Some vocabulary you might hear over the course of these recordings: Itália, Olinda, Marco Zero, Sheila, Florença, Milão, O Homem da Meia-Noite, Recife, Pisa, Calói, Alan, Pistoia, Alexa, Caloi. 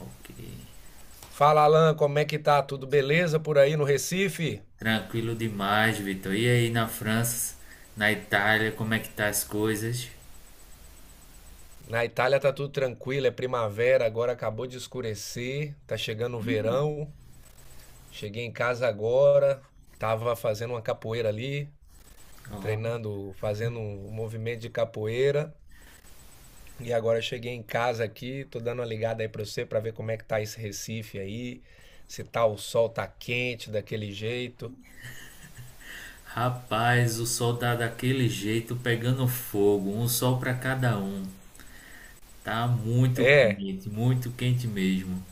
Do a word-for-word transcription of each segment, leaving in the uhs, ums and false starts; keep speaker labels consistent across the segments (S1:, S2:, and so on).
S1: Ok.
S2: Fala, Alan, como é que tá? Tudo beleza por aí no Recife?
S1: Tranquilo demais, Vitor. E aí na França, na Itália, como é que tá as coisas?
S2: Na Itália tá tudo tranquilo, é primavera, agora acabou de escurecer, tá chegando o verão. Cheguei em casa agora, tava fazendo uma capoeira ali,
S1: Ó,
S2: treinando, fazendo um movimento de capoeira. E agora cheguei em casa aqui, tô dando uma ligada aí pra você pra ver como é que tá esse Recife aí, se tá o sol tá quente daquele jeito.
S1: rapaz, o sol tá daquele jeito pegando fogo, um sol pra cada um. Tá muito
S2: É,
S1: quente, muito quente mesmo.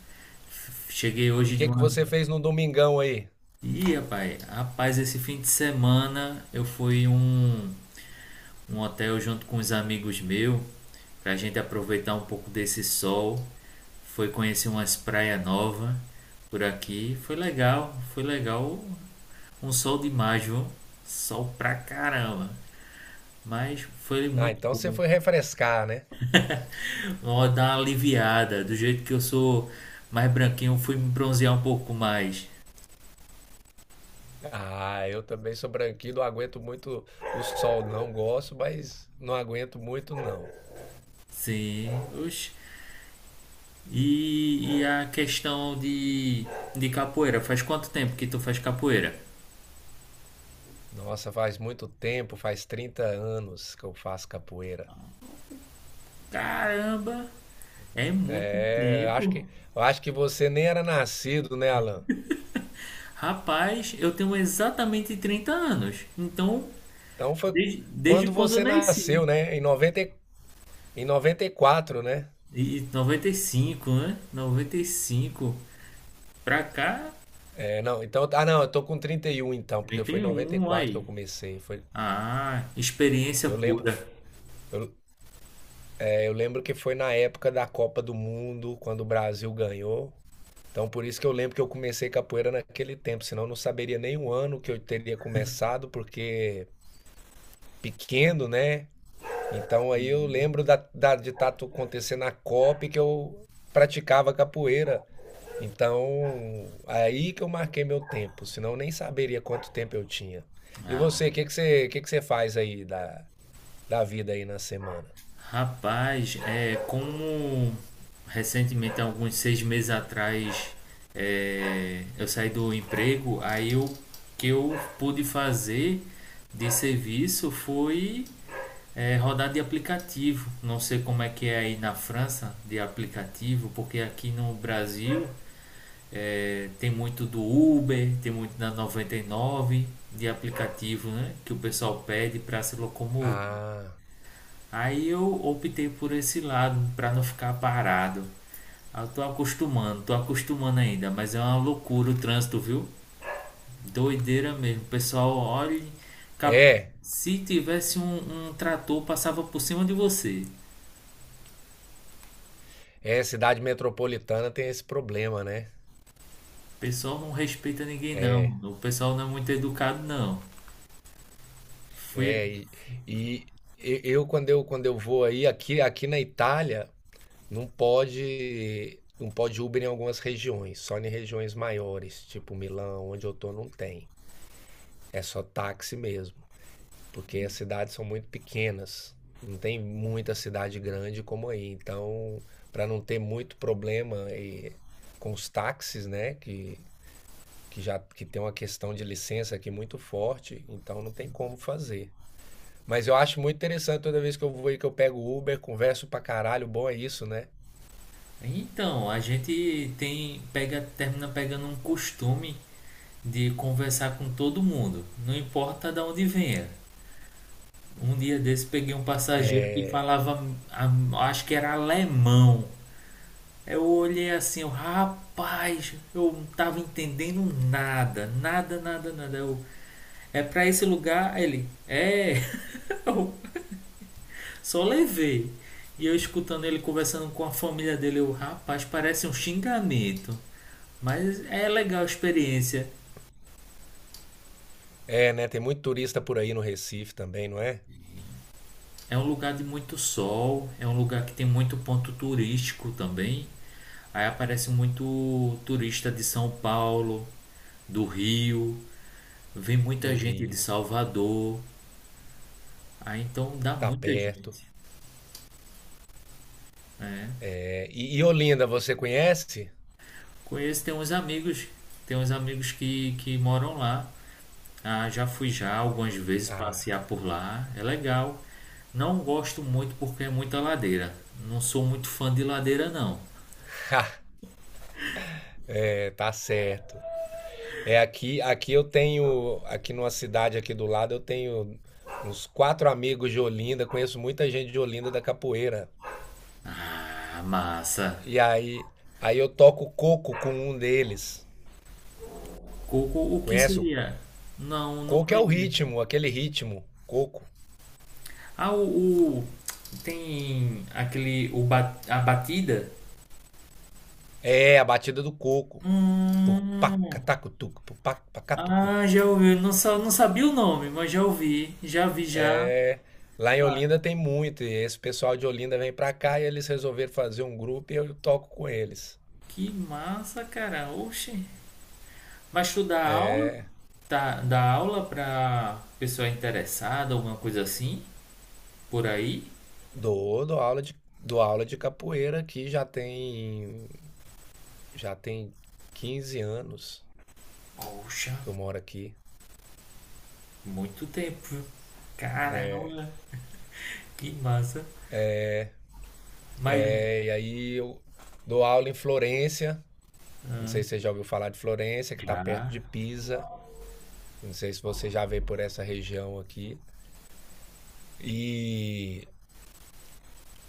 S1: F- Cheguei
S2: e o
S1: hoje de
S2: que que
S1: uma.
S2: você fez no domingão aí?
S1: Ih, rapaz, rapaz, esse fim de semana eu fui em um um hotel junto com os amigos meus, pra gente aproveitar um pouco desse sol. Foi conhecer umas praias novas por aqui. Foi legal, foi legal. Um sol demais, viu? Sol pra caramba. Mas foi
S2: Ah,
S1: muito
S2: então você
S1: bom.
S2: foi refrescar, né?
S1: Ó, dá uma aliviada. Do jeito que eu sou mais branquinho, eu fui me bronzear um pouco mais.
S2: Ah, eu também sou branquinho, não aguento muito o sol, não gosto, mas não aguento muito, não.
S1: Sim. Oxe. E, e a questão de, de capoeira. Faz quanto tempo que tu faz capoeira?
S2: Nossa, faz muito tempo, faz trinta anos que eu faço capoeira.
S1: Caramba! É muito
S2: É, acho
S1: tempo.
S2: que, eu acho que você nem era nascido, né, Alan?
S1: Rapaz, eu tenho exatamente trinta anos. Então,
S2: Então foi
S1: desde, desde
S2: quando
S1: quando eu
S2: você
S1: nasci.
S2: nasceu, né? Em noventa e- em noventa e quatro, né?
S1: E noventa e cinco, né? Noventa e cinco pra cá,
S2: É, não, então, ah, não, eu tô com trinta e um então, porque
S1: trinta
S2: foi em
S1: e
S2: noventa e
S1: um
S2: quatro que eu
S1: aí.
S2: comecei. Foi,
S1: Ah, experiência
S2: eu lembro,
S1: pura.
S2: Eu lembro que foi na época da Copa do Mundo, quando o Brasil ganhou. Então, por isso que eu lembro que eu comecei capoeira naquele tempo, senão eu não saberia nem o ano que eu teria começado, porque pequeno, né? Então, aí eu lembro da, da- de estar acontecendo a Copa e que eu praticava capoeira. Então, aí que eu marquei meu tempo, senão eu nem saberia quanto tempo eu tinha. E
S1: Ah,
S2: você, o que que você, que que você faz aí da, da vida aí na semana?
S1: rapaz, é como recentemente, há alguns seis meses atrás, é, eu saí do emprego, aí o que eu pude fazer de serviço foi é, rodar de aplicativo. Não sei como é que é aí na França de aplicativo, porque aqui no Brasil é, tem muito do Uber, tem muito da noventa e nove de aplicativo, né, que o pessoal pede para se locomover.
S2: Ah,
S1: Aí eu optei por esse lado para não ficar parado. Ah, eu tô acostumando, tô acostumando ainda, mas é uma loucura o trânsito, viu? Doideira mesmo. O pessoal olha, cap-
S2: é.
S1: se tivesse um, um trator passava por cima de você.
S2: É, cidade metropolitana tem esse problema, né?
S1: O pessoal não respeita ninguém,
S2: É,
S1: não. O pessoal não é muito educado, não. Fui.
S2: é. E, e e- eu quando eu quando eu vou aí aqui aqui na Itália não pode não pode Uber em algumas regiões, só em regiões maiores, tipo Milão, onde eu tô, não tem. É só táxi mesmo, porque as cidades são muito pequenas. Não tem muita cidade grande como aí. Então, para não ter muito problema eh, com os táxis, né, que que já que tem uma questão de licença aqui muito forte, então não tem como fazer. Mas eu acho muito interessante toda vez que eu vou e que eu pego o Uber, converso pra caralho, bom é isso, né?
S1: Então, a gente tem pega termina pegando um costume de conversar com todo mundo, não importa de onde venha. Um dia desse peguei um passageiro que
S2: É,
S1: falava, a- acho que era alemão. Eu olhei assim, eu, rapaz, eu não tava entendendo nada, nada, nada, nada. Eu, é pra esse lugar? Ele, é. Só levei. E eu escutando ele conversando com a família dele, eu, rapaz, parece um xingamento. Mas é legal a experiência.
S2: é, né? Tem muito turista por aí no Recife também, não é?
S1: É um lugar de muito sol, é um lugar que tem muito ponto turístico também. Aí aparece muito turista de São Paulo, do Rio, vem
S2: Do
S1: muita gente de
S2: Rio,
S1: Salvador. Aí então dá
S2: tá
S1: muita
S2: perto.
S1: gente. É.
S2: É, e, e Olinda, você conhece?
S1: Conheço, tem uns amigos, tem uns amigos que, que moram lá. Ah, já fui já algumas vezes
S2: Ah,
S1: passear por lá, é legal. Não gosto muito porque é muita ladeira. Não sou muito fã de ladeira, não.
S2: é, tá certo. É aqui, aqui eu tenho, aqui numa cidade aqui do lado, eu tenho uns quatro amigos de Olinda, conheço muita gente de Olinda da capoeira.
S1: Ah, massa.
S2: E aí, aí eu toco coco com um deles.
S1: Coco, o que
S2: Conhece? O
S1: seria? Não, não
S2: coco é o
S1: conheço.
S2: ritmo, aquele ritmo. Coco.
S1: Ah, o, o- tem aquele o ba- a batida?
S2: É, a batida do coco.
S1: Hum,
S2: Pupacatacutuc, pupacatucu.
S1: ah, já ouvi. Não, sa- não sabia o nome, mas já ouvi. Já vi já.
S2: É, lá em
S1: Ah,
S2: Olinda tem muito, e esse pessoal de Olinda vem pra cá e eles resolveram fazer um grupo e eu toco com eles.
S1: que massa, cara. Oxe. Mas tu dá aula?
S2: É,
S1: Tá, dá aula pra pessoa interessada, alguma coisa assim, por aí?
S2: dou, dou aula de, dou aula de capoeira aqui já tem, já tem quinze anos
S1: Poxa,
S2: que eu moro aqui.
S1: muito tempo, viu? Caramba, que massa. Mas
S2: É, e aí eu dou aula em Florença. Não sei se você já ouviu falar de Florença, que está perto
S1: já,
S2: de Pisa. Não sei se você já veio por essa região aqui. E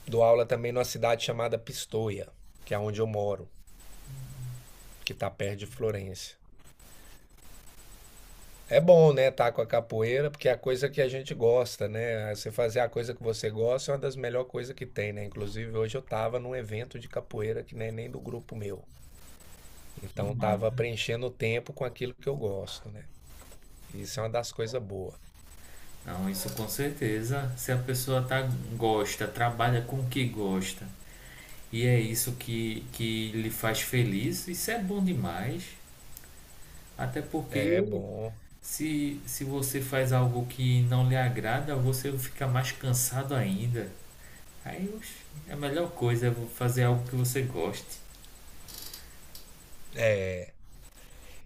S2: dou aula também numa cidade chamada Pistoia, que é onde eu moro, que está perto de Florença. É bom, né, estar com a capoeira, porque é a coisa que a gente gosta, né? Você fazer a coisa que você gosta é uma das melhores coisas que tem, né? Inclusive, hoje eu estava num evento de capoeira que não é nem do grupo meu.
S1: que
S2: Então, estava
S1: massa.
S2: preenchendo o tempo com aquilo que eu gosto, né? Isso é uma das coisas boas.
S1: Não, isso com certeza. Se a pessoa tá, gosta, trabalha com o que gosta, e é isso que, que lhe faz feliz, isso é bom demais. Até
S2: É
S1: porque
S2: bom.
S1: se, se você faz algo que não lhe agrada, você fica mais cansado ainda. Aí oxe, é a melhor coisa é fazer algo que você goste.
S2: É.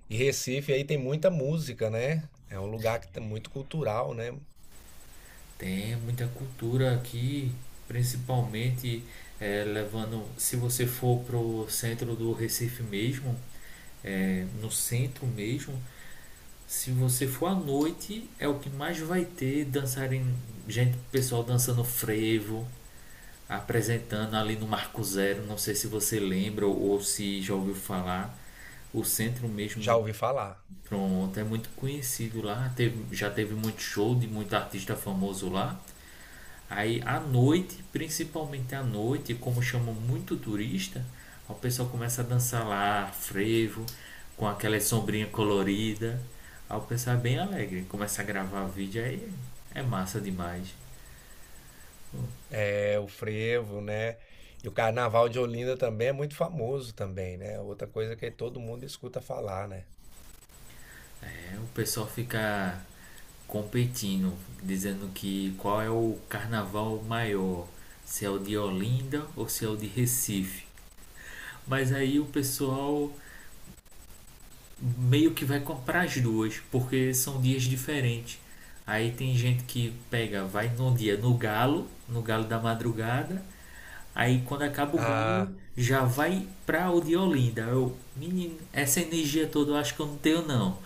S2: E Recife aí tem muita música, né? É um lugar que tá muito cultural, né?
S1: Tem muita cultura aqui, principalmente é, levando, se você for pro centro do Recife mesmo, é, no centro mesmo, se você for à noite, é o que mais vai ter dançarem, gente, pessoal dançando frevo, apresentando ali no Marco Zero, não sei se você lembra ou se já ouviu falar, o centro mesmo
S2: Já
S1: do.
S2: ouvi falar.
S1: Pronto, é muito conhecido lá. Teve, já teve muito show de muito artista famoso lá. Aí à noite, principalmente à noite, como chamam muito turista, o pessoal começa a dançar lá, frevo, com aquela sombrinha colorida. Aí o pessoal é bem alegre, começa a gravar vídeo aí, é massa demais.
S2: É, o frevo, né? E o Carnaval de Olinda também é muito famoso também, né? Outra coisa que todo mundo escuta falar, né?
S1: É, o pessoal fica competindo, dizendo que qual é o carnaval maior, se é o de Olinda ou se é o de Recife. Mas aí o pessoal meio que vai comprar as duas, porque são dias diferentes. Aí tem gente que pega, vai num dia no galo, no galo da madrugada. Aí quando acaba o galo,
S2: Ah,
S1: já vai pra o de Olinda. Eu, menino, essa energia toda eu acho que eu não tenho não.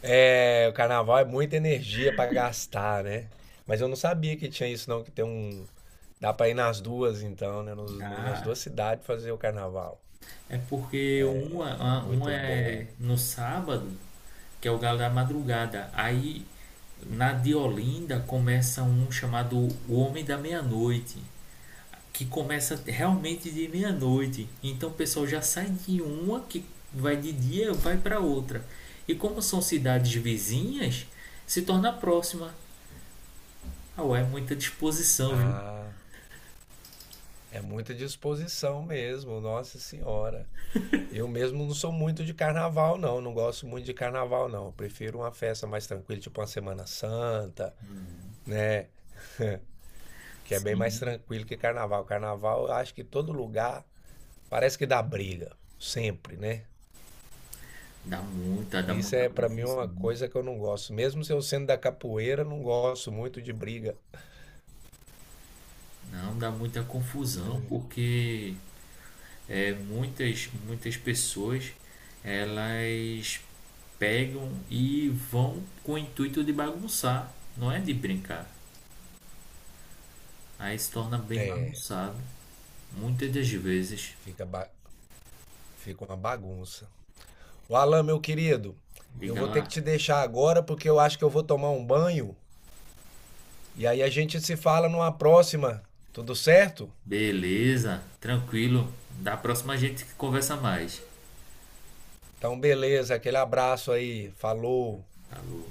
S2: é, o Carnaval é muita energia para gastar, né? Mas eu não sabia que tinha isso não, que tem um... Dá para ir nas duas então, né? Nos- no- nas duas
S1: Ah,
S2: cidades fazer o Carnaval.
S1: é porque
S2: É
S1: uma, uma
S2: muito bom.
S1: é no sábado, que é o galo da madrugada. Aí na de Olinda começa um chamado O Homem da Meia-Noite, que começa realmente de meia-noite. Então o pessoal já sai de uma que vai de dia, vai para outra. E como são cidades vizinhas, se torna próxima. Ah, ué, muita disposição, viu?
S2: Ah... É muita disposição mesmo, nossa senhora. Eu mesmo não sou muito de carnaval, não. Não gosto muito de carnaval, não. Eu prefiro uma festa mais tranquila, tipo uma Semana Santa, né? Que é bem mais
S1: Sim.
S2: tranquilo que carnaval. Carnaval, eu acho que todo lugar parece que dá briga, sempre, né?
S1: Dá muita, dá
S2: Isso
S1: muita
S2: é pra mim uma
S1: confusão.
S2: coisa que eu não gosto. Mesmo se eu sendo da capoeira, eu não gosto muito de briga.
S1: Não, dá muita confusão, porque é, muitas, muitas pessoas, elas pegam e vão com o intuito de bagunçar, não é de brincar. Aí se torna bem
S2: É,
S1: bagunçado, muitas das vezes.
S2: fica, ba- fica uma bagunça. O Alan, meu querido, eu
S1: Liga
S2: vou ter que
S1: lá.
S2: te deixar agora porque eu acho que eu vou tomar um banho e aí a gente se fala numa próxima, tudo certo?
S1: Beleza, tranquilo. Da próxima a gente conversa mais.
S2: Então, beleza, aquele abraço aí, falou.
S1: Falou.